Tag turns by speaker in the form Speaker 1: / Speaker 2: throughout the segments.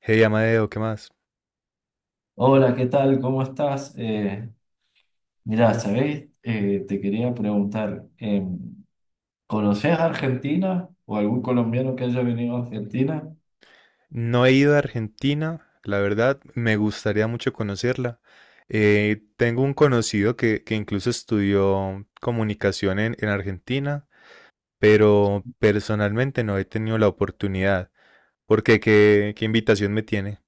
Speaker 1: Hey Amadeo, ¿qué más?
Speaker 2: Hola, ¿qué tal? ¿Cómo estás? Mirá, ¿sabéis? Te quería preguntar, ¿conoces a Argentina o algún colombiano que haya venido a Argentina?
Speaker 1: No he ido a Argentina, la verdad, me gustaría mucho conocerla. Tengo un conocido que incluso estudió comunicación en Argentina, pero personalmente no he tenido la oportunidad. ¿Por qué? ¿Qué invitación me tiene?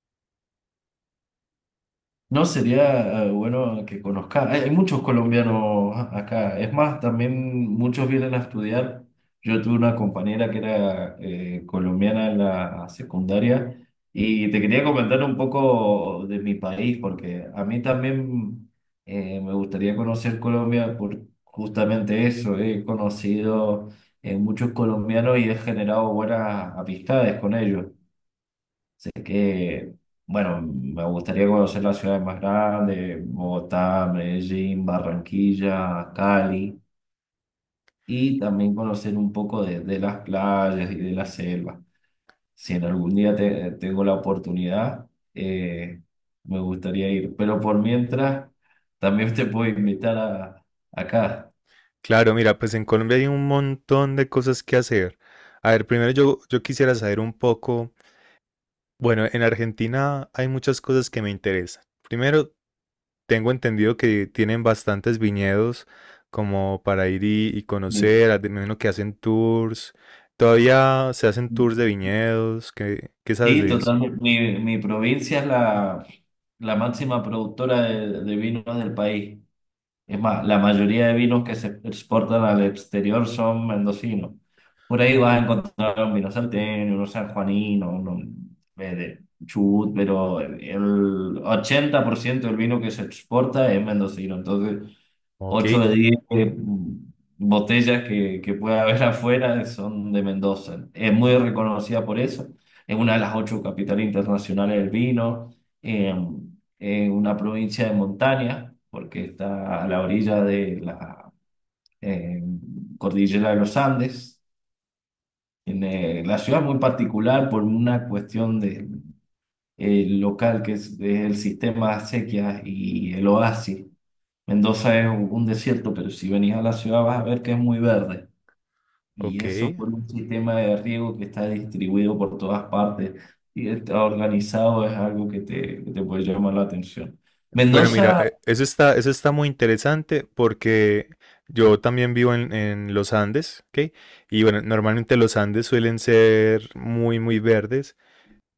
Speaker 2: No sería bueno que conozca. Hay muchos colombianos acá. Es más, también muchos vienen a estudiar. Yo tuve una compañera que era colombiana en la secundaria y te quería comentar un poco de mi país, porque a mí también me gustaría conocer Colombia por justamente eso. He conocido muchos colombianos y he generado buenas amistades con ellos. Sé que, bueno, me gustaría conocer las ciudades más grandes, Bogotá, Medellín, Barranquilla, Cali, y también conocer un poco de las playas y de la selva. Si en algún día tengo la oportunidad, eh, me gustaría ir. Pero por mientras, también te puedo invitar acá.
Speaker 1: Claro, mira, pues en Colombia hay un montón de cosas que hacer. A ver, primero yo quisiera saber un poco, bueno, en Argentina hay muchas cosas que me interesan. Primero, tengo entendido que tienen bastantes viñedos como para ir y
Speaker 2: Sí,
Speaker 1: conocer, me imagino que hacen tours, todavía se hacen tours de viñedos, ¿qué sabes
Speaker 2: sí,
Speaker 1: de eso?
Speaker 2: totalmente. Mi provincia es la máxima productora de vinos del país. Es más, la mayoría de vinos que se exportan al exterior son mendocinos. Por ahí vas a encontrar un vino salteño, uno sanjuanino, uno de Chubut, pero el 80% del vino que se exporta es mendocino. Entonces,
Speaker 1: Ok,
Speaker 2: 8 de 10 botellas que puede haber afuera son de Mendoza. Es muy reconocida por eso. Es una de las ocho capitales internacionales del vino. eh, Es una provincia de montaña, porque está a la orilla de la eh, cordillera de los Andes. La ciudad es muy particular por una cuestión de, local, que es el sistema de acequias y el oasis. Mendoza es un desierto, pero si venís a la ciudad vas a ver que es muy verde. Y
Speaker 1: ok.
Speaker 2: eso por un sistema de riego que está distribuido por todas partes y está organizado, es algo que que te puede llamar la atención.
Speaker 1: Bueno, mira,
Speaker 2: Mendoza,
Speaker 1: eso está muy interesante porque yo también vivo en los Andes, ¿ok? Y bueno, normalmente los Andes suelen ser muy verdes.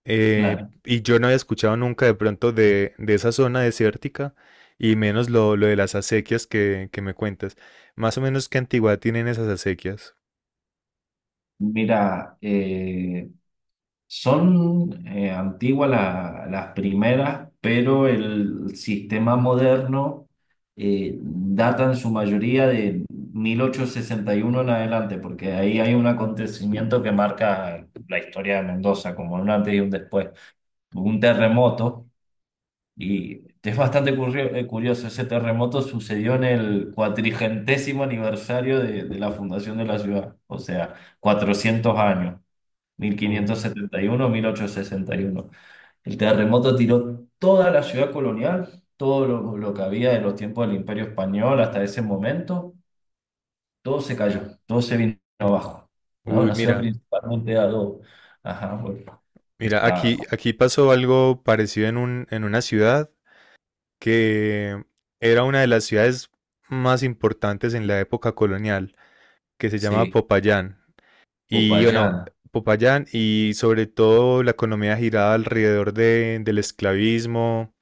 Speaker 2: claro,
Speaker 1: Y yo no había escuchado nunca de pronto de esa zona desértica y menos lo de las acequias que me cuentas. Más o menos qué antigüedad tienen esas acequias.
Speaker 2: mira, son antiguas las primeras, pero el sistema moderno data en su mayoría de 1861 en adelante, porque ahí hay un acontecimiento que marca la historia de Mendoza, como un antes y un después. Hubo un terremoto, y es bastante curioso. Ese terremoto sucedió en el cuatrigentésimo aniversario de la fundación de la ciudad, o sea, 400 años: mil
Speaker 1: Oh,
Speaker 2: quinientos setenta y uno, 1861. El terremoto tiró toda la ciudad colonial, todo lo que había de los tiempos del Imperio Español hasta ese momento. Todo se cayó, todo se vino abajo. Bueno,
Speaker 1: uy,
Speaker 2: una ciudad
Speaker 1: mira,
Speaker 2: principalmente a dos. Ajá, bueno.
Speaker 1: mira,
Speaker 2: Está,
Speaker 1: aquí pasó algo parecido en en una ciudad que era una de las ciudades más importantes en la época colonial, que se llama
Speaker 2: sí,
Speaker 1: Popayán. Y bueno,
Speaker 2: Popayán,
Speaker 1: Popayán y sobre todo la economía giraba alrededor del esclavismo,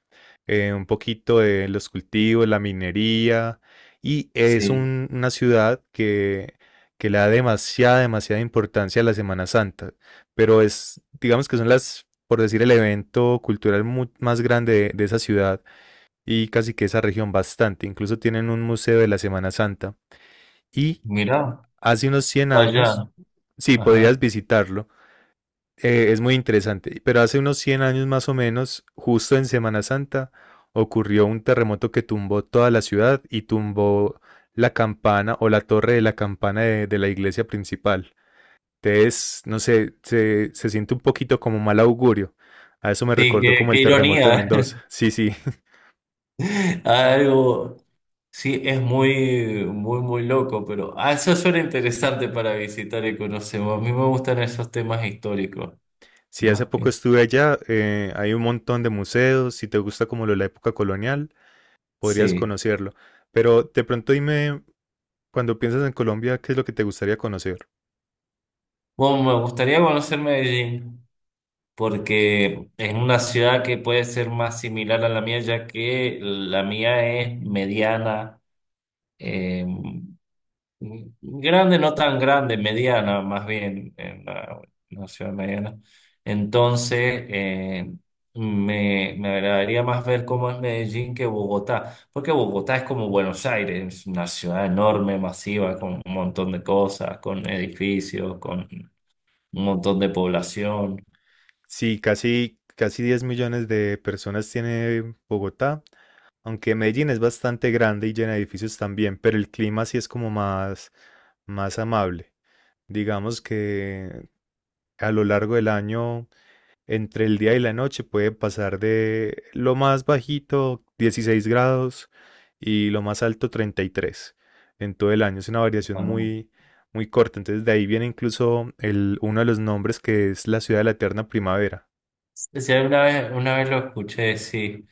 Speaker 1: un poquito de los cultivos, la minería, y es
Speaker 2: sí,
Speaker 1: una ciudad que le da demasiada importancia a la Semana Santa, pero es, digamos que son las, por decir, el evento cultural más grande de esa ciudad y casi que esa región bastante, incluso tienen un museo de la Semana Santa, y
Speaker 2: mirá,
Speaker 1: hace unos 100 años,
Speaker 2: Popayán,
Speaker 1: sí,
Speaker 2: ajá.
Speaker 1: podrías visitarlo. Es muy interesante, pero hace unos 100 años más o menos, justo en Semana Santa, ocurrió un terremoto que tumbó toda la ciudad y tumbó la campana o la torre de la campana de la iglesia principal. Entonces, no sé, se siente un poquito como mal augurio. A eso me
Speaker 2: Sí,
Speaker 1: recordó como
Speaker 2: qué
Speaker 1: el terremoto de
Speaker 2: ironía,
Speaker 1: Mendoza. Sí, sí,
Speaker 2: algo. Sí, es muy, muy, muy loco, pero ah, eso suena interesante para visitar y conocer. A mí me gustan esos temas históricos,
Speaker 1: sí, hace
Speaker 2: más
Speaker 1: poco
Speaker 2: que.
Speaker 1: estuve allá, hay un montón de museos, si te gusta como lo de la época colonial, podrías
Speaker 2: Sí.
Speaker 1: conocerlo. Pero de pronto dime, cuando piensas en Colombia, ¿qué es lo que te gustaría conocer?
Speaker 2: Bueno, me gustaría conocer Medellín, porque es una ciudad que puede ser más similar a la mía, ya que la mía es mediana. eh, Mm, Grande, no tan grande, mediana, más bien, en la ciudad mediana. Entonces, me agradaría más ver cómo es Medellín que Bogotá, porque Bogotá es como Buenos Aires, una ciudad enorme, masiva, con un montón de cosas, con edificios, con un montón de población.
Speaker 1: Sí, casi, casi 10 millones de personas tiene Bogotá, aunque Medellín es bastante grande y llena de edificios también, pero el clima sí es como más, más amable. Digamos que a lo largo del año, entre el día y la noche, puede pasar de lo más bajito, 16 grados, y lo más alto, 33 en todo el año. Es una variación
Speaker 2: Bueno,
Speaker 1: muy corta. Entonces de ahí viene incluso el, uno de los nombres que es la ciudad de la eterna primavera.
Speaker 2: si alguna vez, una vez lo escuché, sí.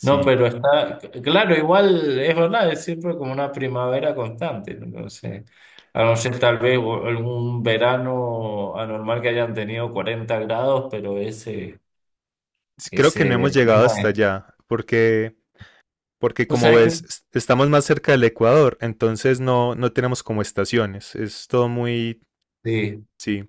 Speaker 2: No, pero está, claro, igual es verdad, es siempre como una primavera constante, ¿no? Entonces, a no ser tal vez algún verano anormal que hayan tenido 40 grados, pero ese,
Speaker 1: Creo que no
Speaker 2: ese
Speaker 1: hemos llegado
Speaker 2: clima
Speaker 1: hasta
Speaker 2: es,
Speaker 1: allá, porque, porque
Speaker 2: ¿tú
Speaker 1: como
Speaker 2: sabes qué?
Speaker 1: ves, estamos más cerca del Ecuador, entonces no tenemos como estaciones. Es todo muy,
Speaker 2: Sí,
Speaker 1: sí,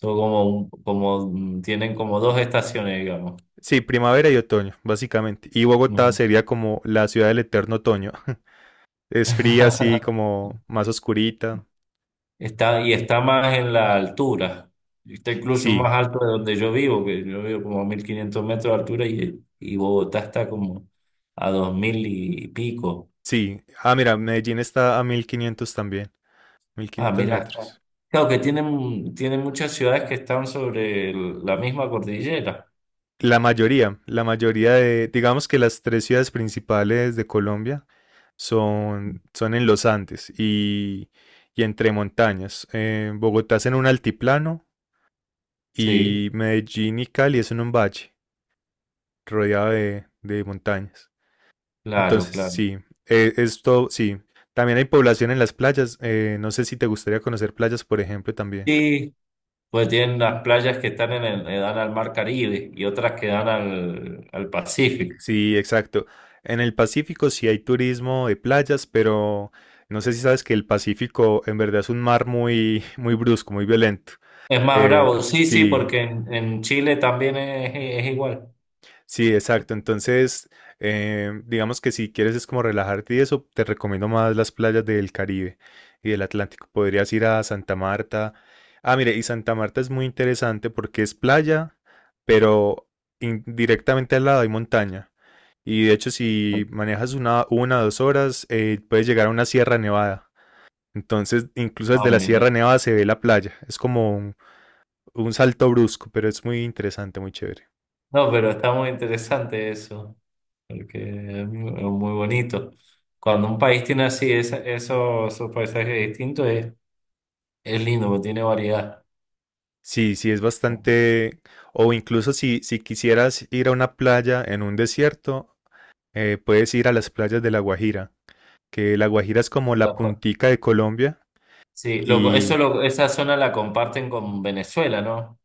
Speaker 2: son como, como, tienen como dos estaciones, digamos.
Speaker 1: sí, primavera y otoño, básicamente. Y Bogotá
Speaker 2: Ujú.
Speaker 1: sería como la ciudad del eterno otoño. Es fría, así como más oscurita.
Speaker 2: Y está más en la altura. Está incluso
Speaker 1: Sí,
Speaker 2: más alto de donde yo vivo, que yo vivo como a 1500 metros de altura, y Bogotá está como a 2000 y pico.
Speaker 1: sí. Ah, mira, Medellín está a 1500 también, mil
Speaker 2: Ah,
Speaker 1: quinientos
Speaker 2: mirá, está.
Speaker 1: metros.
Speaker 2: Claro que tienen muchas ciudades que están sobre la misma cordillera.
Speaker 1: La mayoría de, digamos que las tres ciudades principales de Colombia son en los Andes y entre montañas. Bogotá es en un altiplano
Speaker 2: Sí,
Speaker 1: y Medellín y Cali es en un valle rodeado de montañas.
Speaker 2: claro,
Speaker 1: Entonces,
Speaker 2: claro.
Speaker 1: sí, esto sí. También hay población en las playas. Eh, no sé si te gustaría conocer playas, por ejemplo, también.
Speaker 2: Sí, pues tienen las playas que están que dan al mar Caribe y otras que dan al Pacífico.
Speaker 1: Sí, exacto. En el Pacífico sí hay turismo de playas, pero no sé si sabes que el Pacífico en verdad es un mar muy, muy brusco, muy violento.
Speaker 2: Es más bravo, sí, sí,
Speaker 1: Sí,
Speaker 2: porque en Chile también es igual.
Speaker 1: sí, exacto. Entonces, digamos que si quieres es como relajarte y eso, te recomiendo más las playas del Caribe y del Atlántico. Podrías ir a Santa Marta. Ah, mire, y Santa Marta es muy interesante porque es playa, pero directamente al lado hay montaña. Y de hecho, si manejas una o dos horas, puedes llegar a una Sierra Nevada. Entonces, incluso
Speaker 2: Ah,
Speaker 1: desde la Sierra
Speaker 2: mira.
Speaker 1: Nevada se ve la playa. Es como un salto brusco, pero es muy interesante, muy chévere.
Speaker 2: No, pero está muy interesante eso, porque es muy bonito. Cuando un país tiene así esos paisajes distintos, es lindo, porque tiene variedad.
Speaker 1: Sí, sí, es
Speaker 2: De
Speaker 1: bastante. O incluso si quisieras ir a una playa en un desierto, puedes ir a las playas de La Guajira, que La Guajira es como la
Speaker 2: acuerdo.
Speaker 1: puntica de Colombia
Speaker 2: Sí,
Speaker 1: y
Speaker 2: esa zona la comparten con Venezuela, ¿no?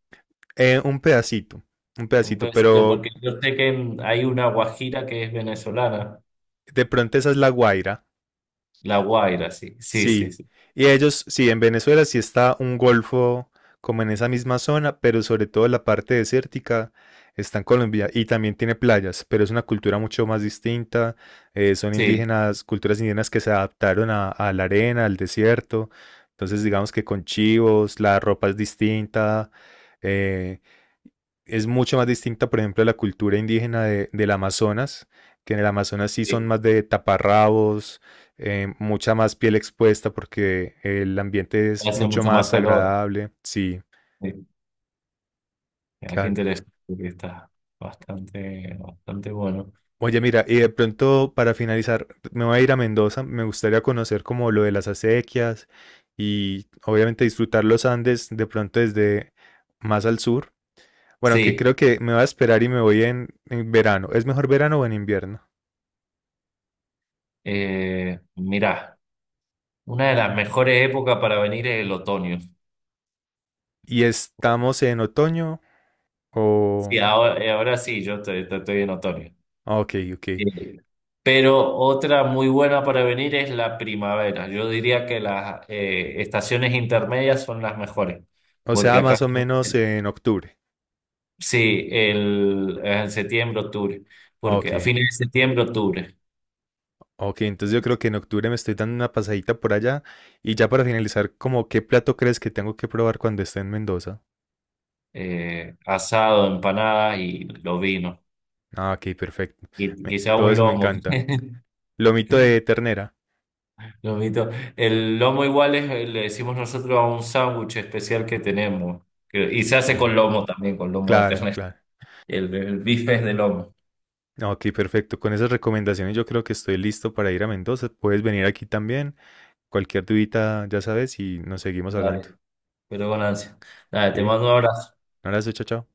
Speaker 1: eh, un pedacito, un
Speaker 2: Un
Speaker 1: pedacito,
Speaker 2: pedacito,
Speaker 1: pero
Speaker 2: porque yo sé que hay una Guajira que es venezolana,
Speaker 1: de pronto esa es La Guaira.
Speaker 2: la Guaira, sí, sí, sí,
Speaker 1: Sí,
Speaker 2: sí,
Speaker 1: y ellos, sí, en Venezuela sí está un golfo como en esa misma zona, pero sobre todo la parte desértica está en Colombia y también tiene playas, pero es una cultura mucho más distinta. Eh, son
Speaker 2: sí,
Speaker 1: indígenas, culturas indígenas que se adaptaron a la arena, al desierto. Entonces, digamos que con chivos, la ropa es distinta. Eh, es mucho más distinta, por ejemplo, a la cultura indígena del Amazonas, que en el Amazonas sí son
Speaker 2: sí.
Speaker 1: más de taparrabos, mucha más piel expuesta porque el ambiente es
Speaker 2: Hace
Speaker 1: mucho
Speaker 2: mucho más
Speaker 1: más
Speaker 2: calor.
Speaker 1: agradable. Sí,
Speaker 2: Sí. Ah, qué
Speaker 1: claro.
Speaker 2: interesante que está bastante, bastante bueno.
Speaker 1: Oye, mira, y de pronto para finalizar, me voy a ir a Mendoza, me gustaría conocer como lo de las acequias y obviamente disfrutar los Andes de pronto desde más al sur. Bueno, que
Speaker 2: Sí.
Speaker 1: creo que me voy a esperar y me voy en verano. ¿Es mejor verano o en invierno?
Speaker 2: Mirá, una de las mejores épocas para venir es el otoño.
Speaker 1: ¿Y estamos en otoño
Speaker 2: Sí,
Speaker 1: o...?
Speaker 2: ahora, ahora sí, yo estoy en otoño.
Speaker 1: Ok, ok.
Speaker 2: Eh, Pero otra muy buena para venir es la primavera. Yo diría que las estaciones intermedias son las mejores,
Speaker 1: O
Speaker 2: porque
Speaker 1: sea,
Speaker 2: acá
Speaker 1: más o menos en octubre.
Speaker 2: sí, en septiembre, octubre,
Speaker 1: Ok,
Speaker 2: porque a fines de septiembre, octubre.
Speaker 1: ok, entonces yo creo que en octubre me estoy dando una pasadita por allá. Y ya para finalizar, como qué plato crees que tengo que probar cuando esté en Mendoza?
Speaker 2: Asado, empanadas y los vinos,
Speaker 1: Ah, ok, perfecto.
Speaker 2: y quizá
Speaker 1: Todo
Speaker 2: un
Speaker 1: eso me
Speaker 2: lomo.
Speaker 1: encanta. Lomito de ternera.
Speaker 2: Lomito. El lomo igual le decimos nosotros a un sándwich especial que tenemos, y se hace con
Speaker 1: Oh,
Speaker 2: lomo también, con lomo de
Speaker 1: claro,
Speaker 2: ternera.
Speaker 1: claro.
Speaker 2: El bife es de lomo.
Speaker 1: Ah, ok, perfecto. Con esas recomendaciones yo creo que estoy listo para ir a Mendoza. Puedes venir aquí también. Cualquier dudita, ya sabes, y nos seguimos hablando.
Speaker 2: Dale, pero con ansia. Dale,
Speaker 1: Ok,
Speaker 2: te mando un
Speaker 1: un
Speaker 2: abrazo.
Speaker 1: abrazo, chao, chao.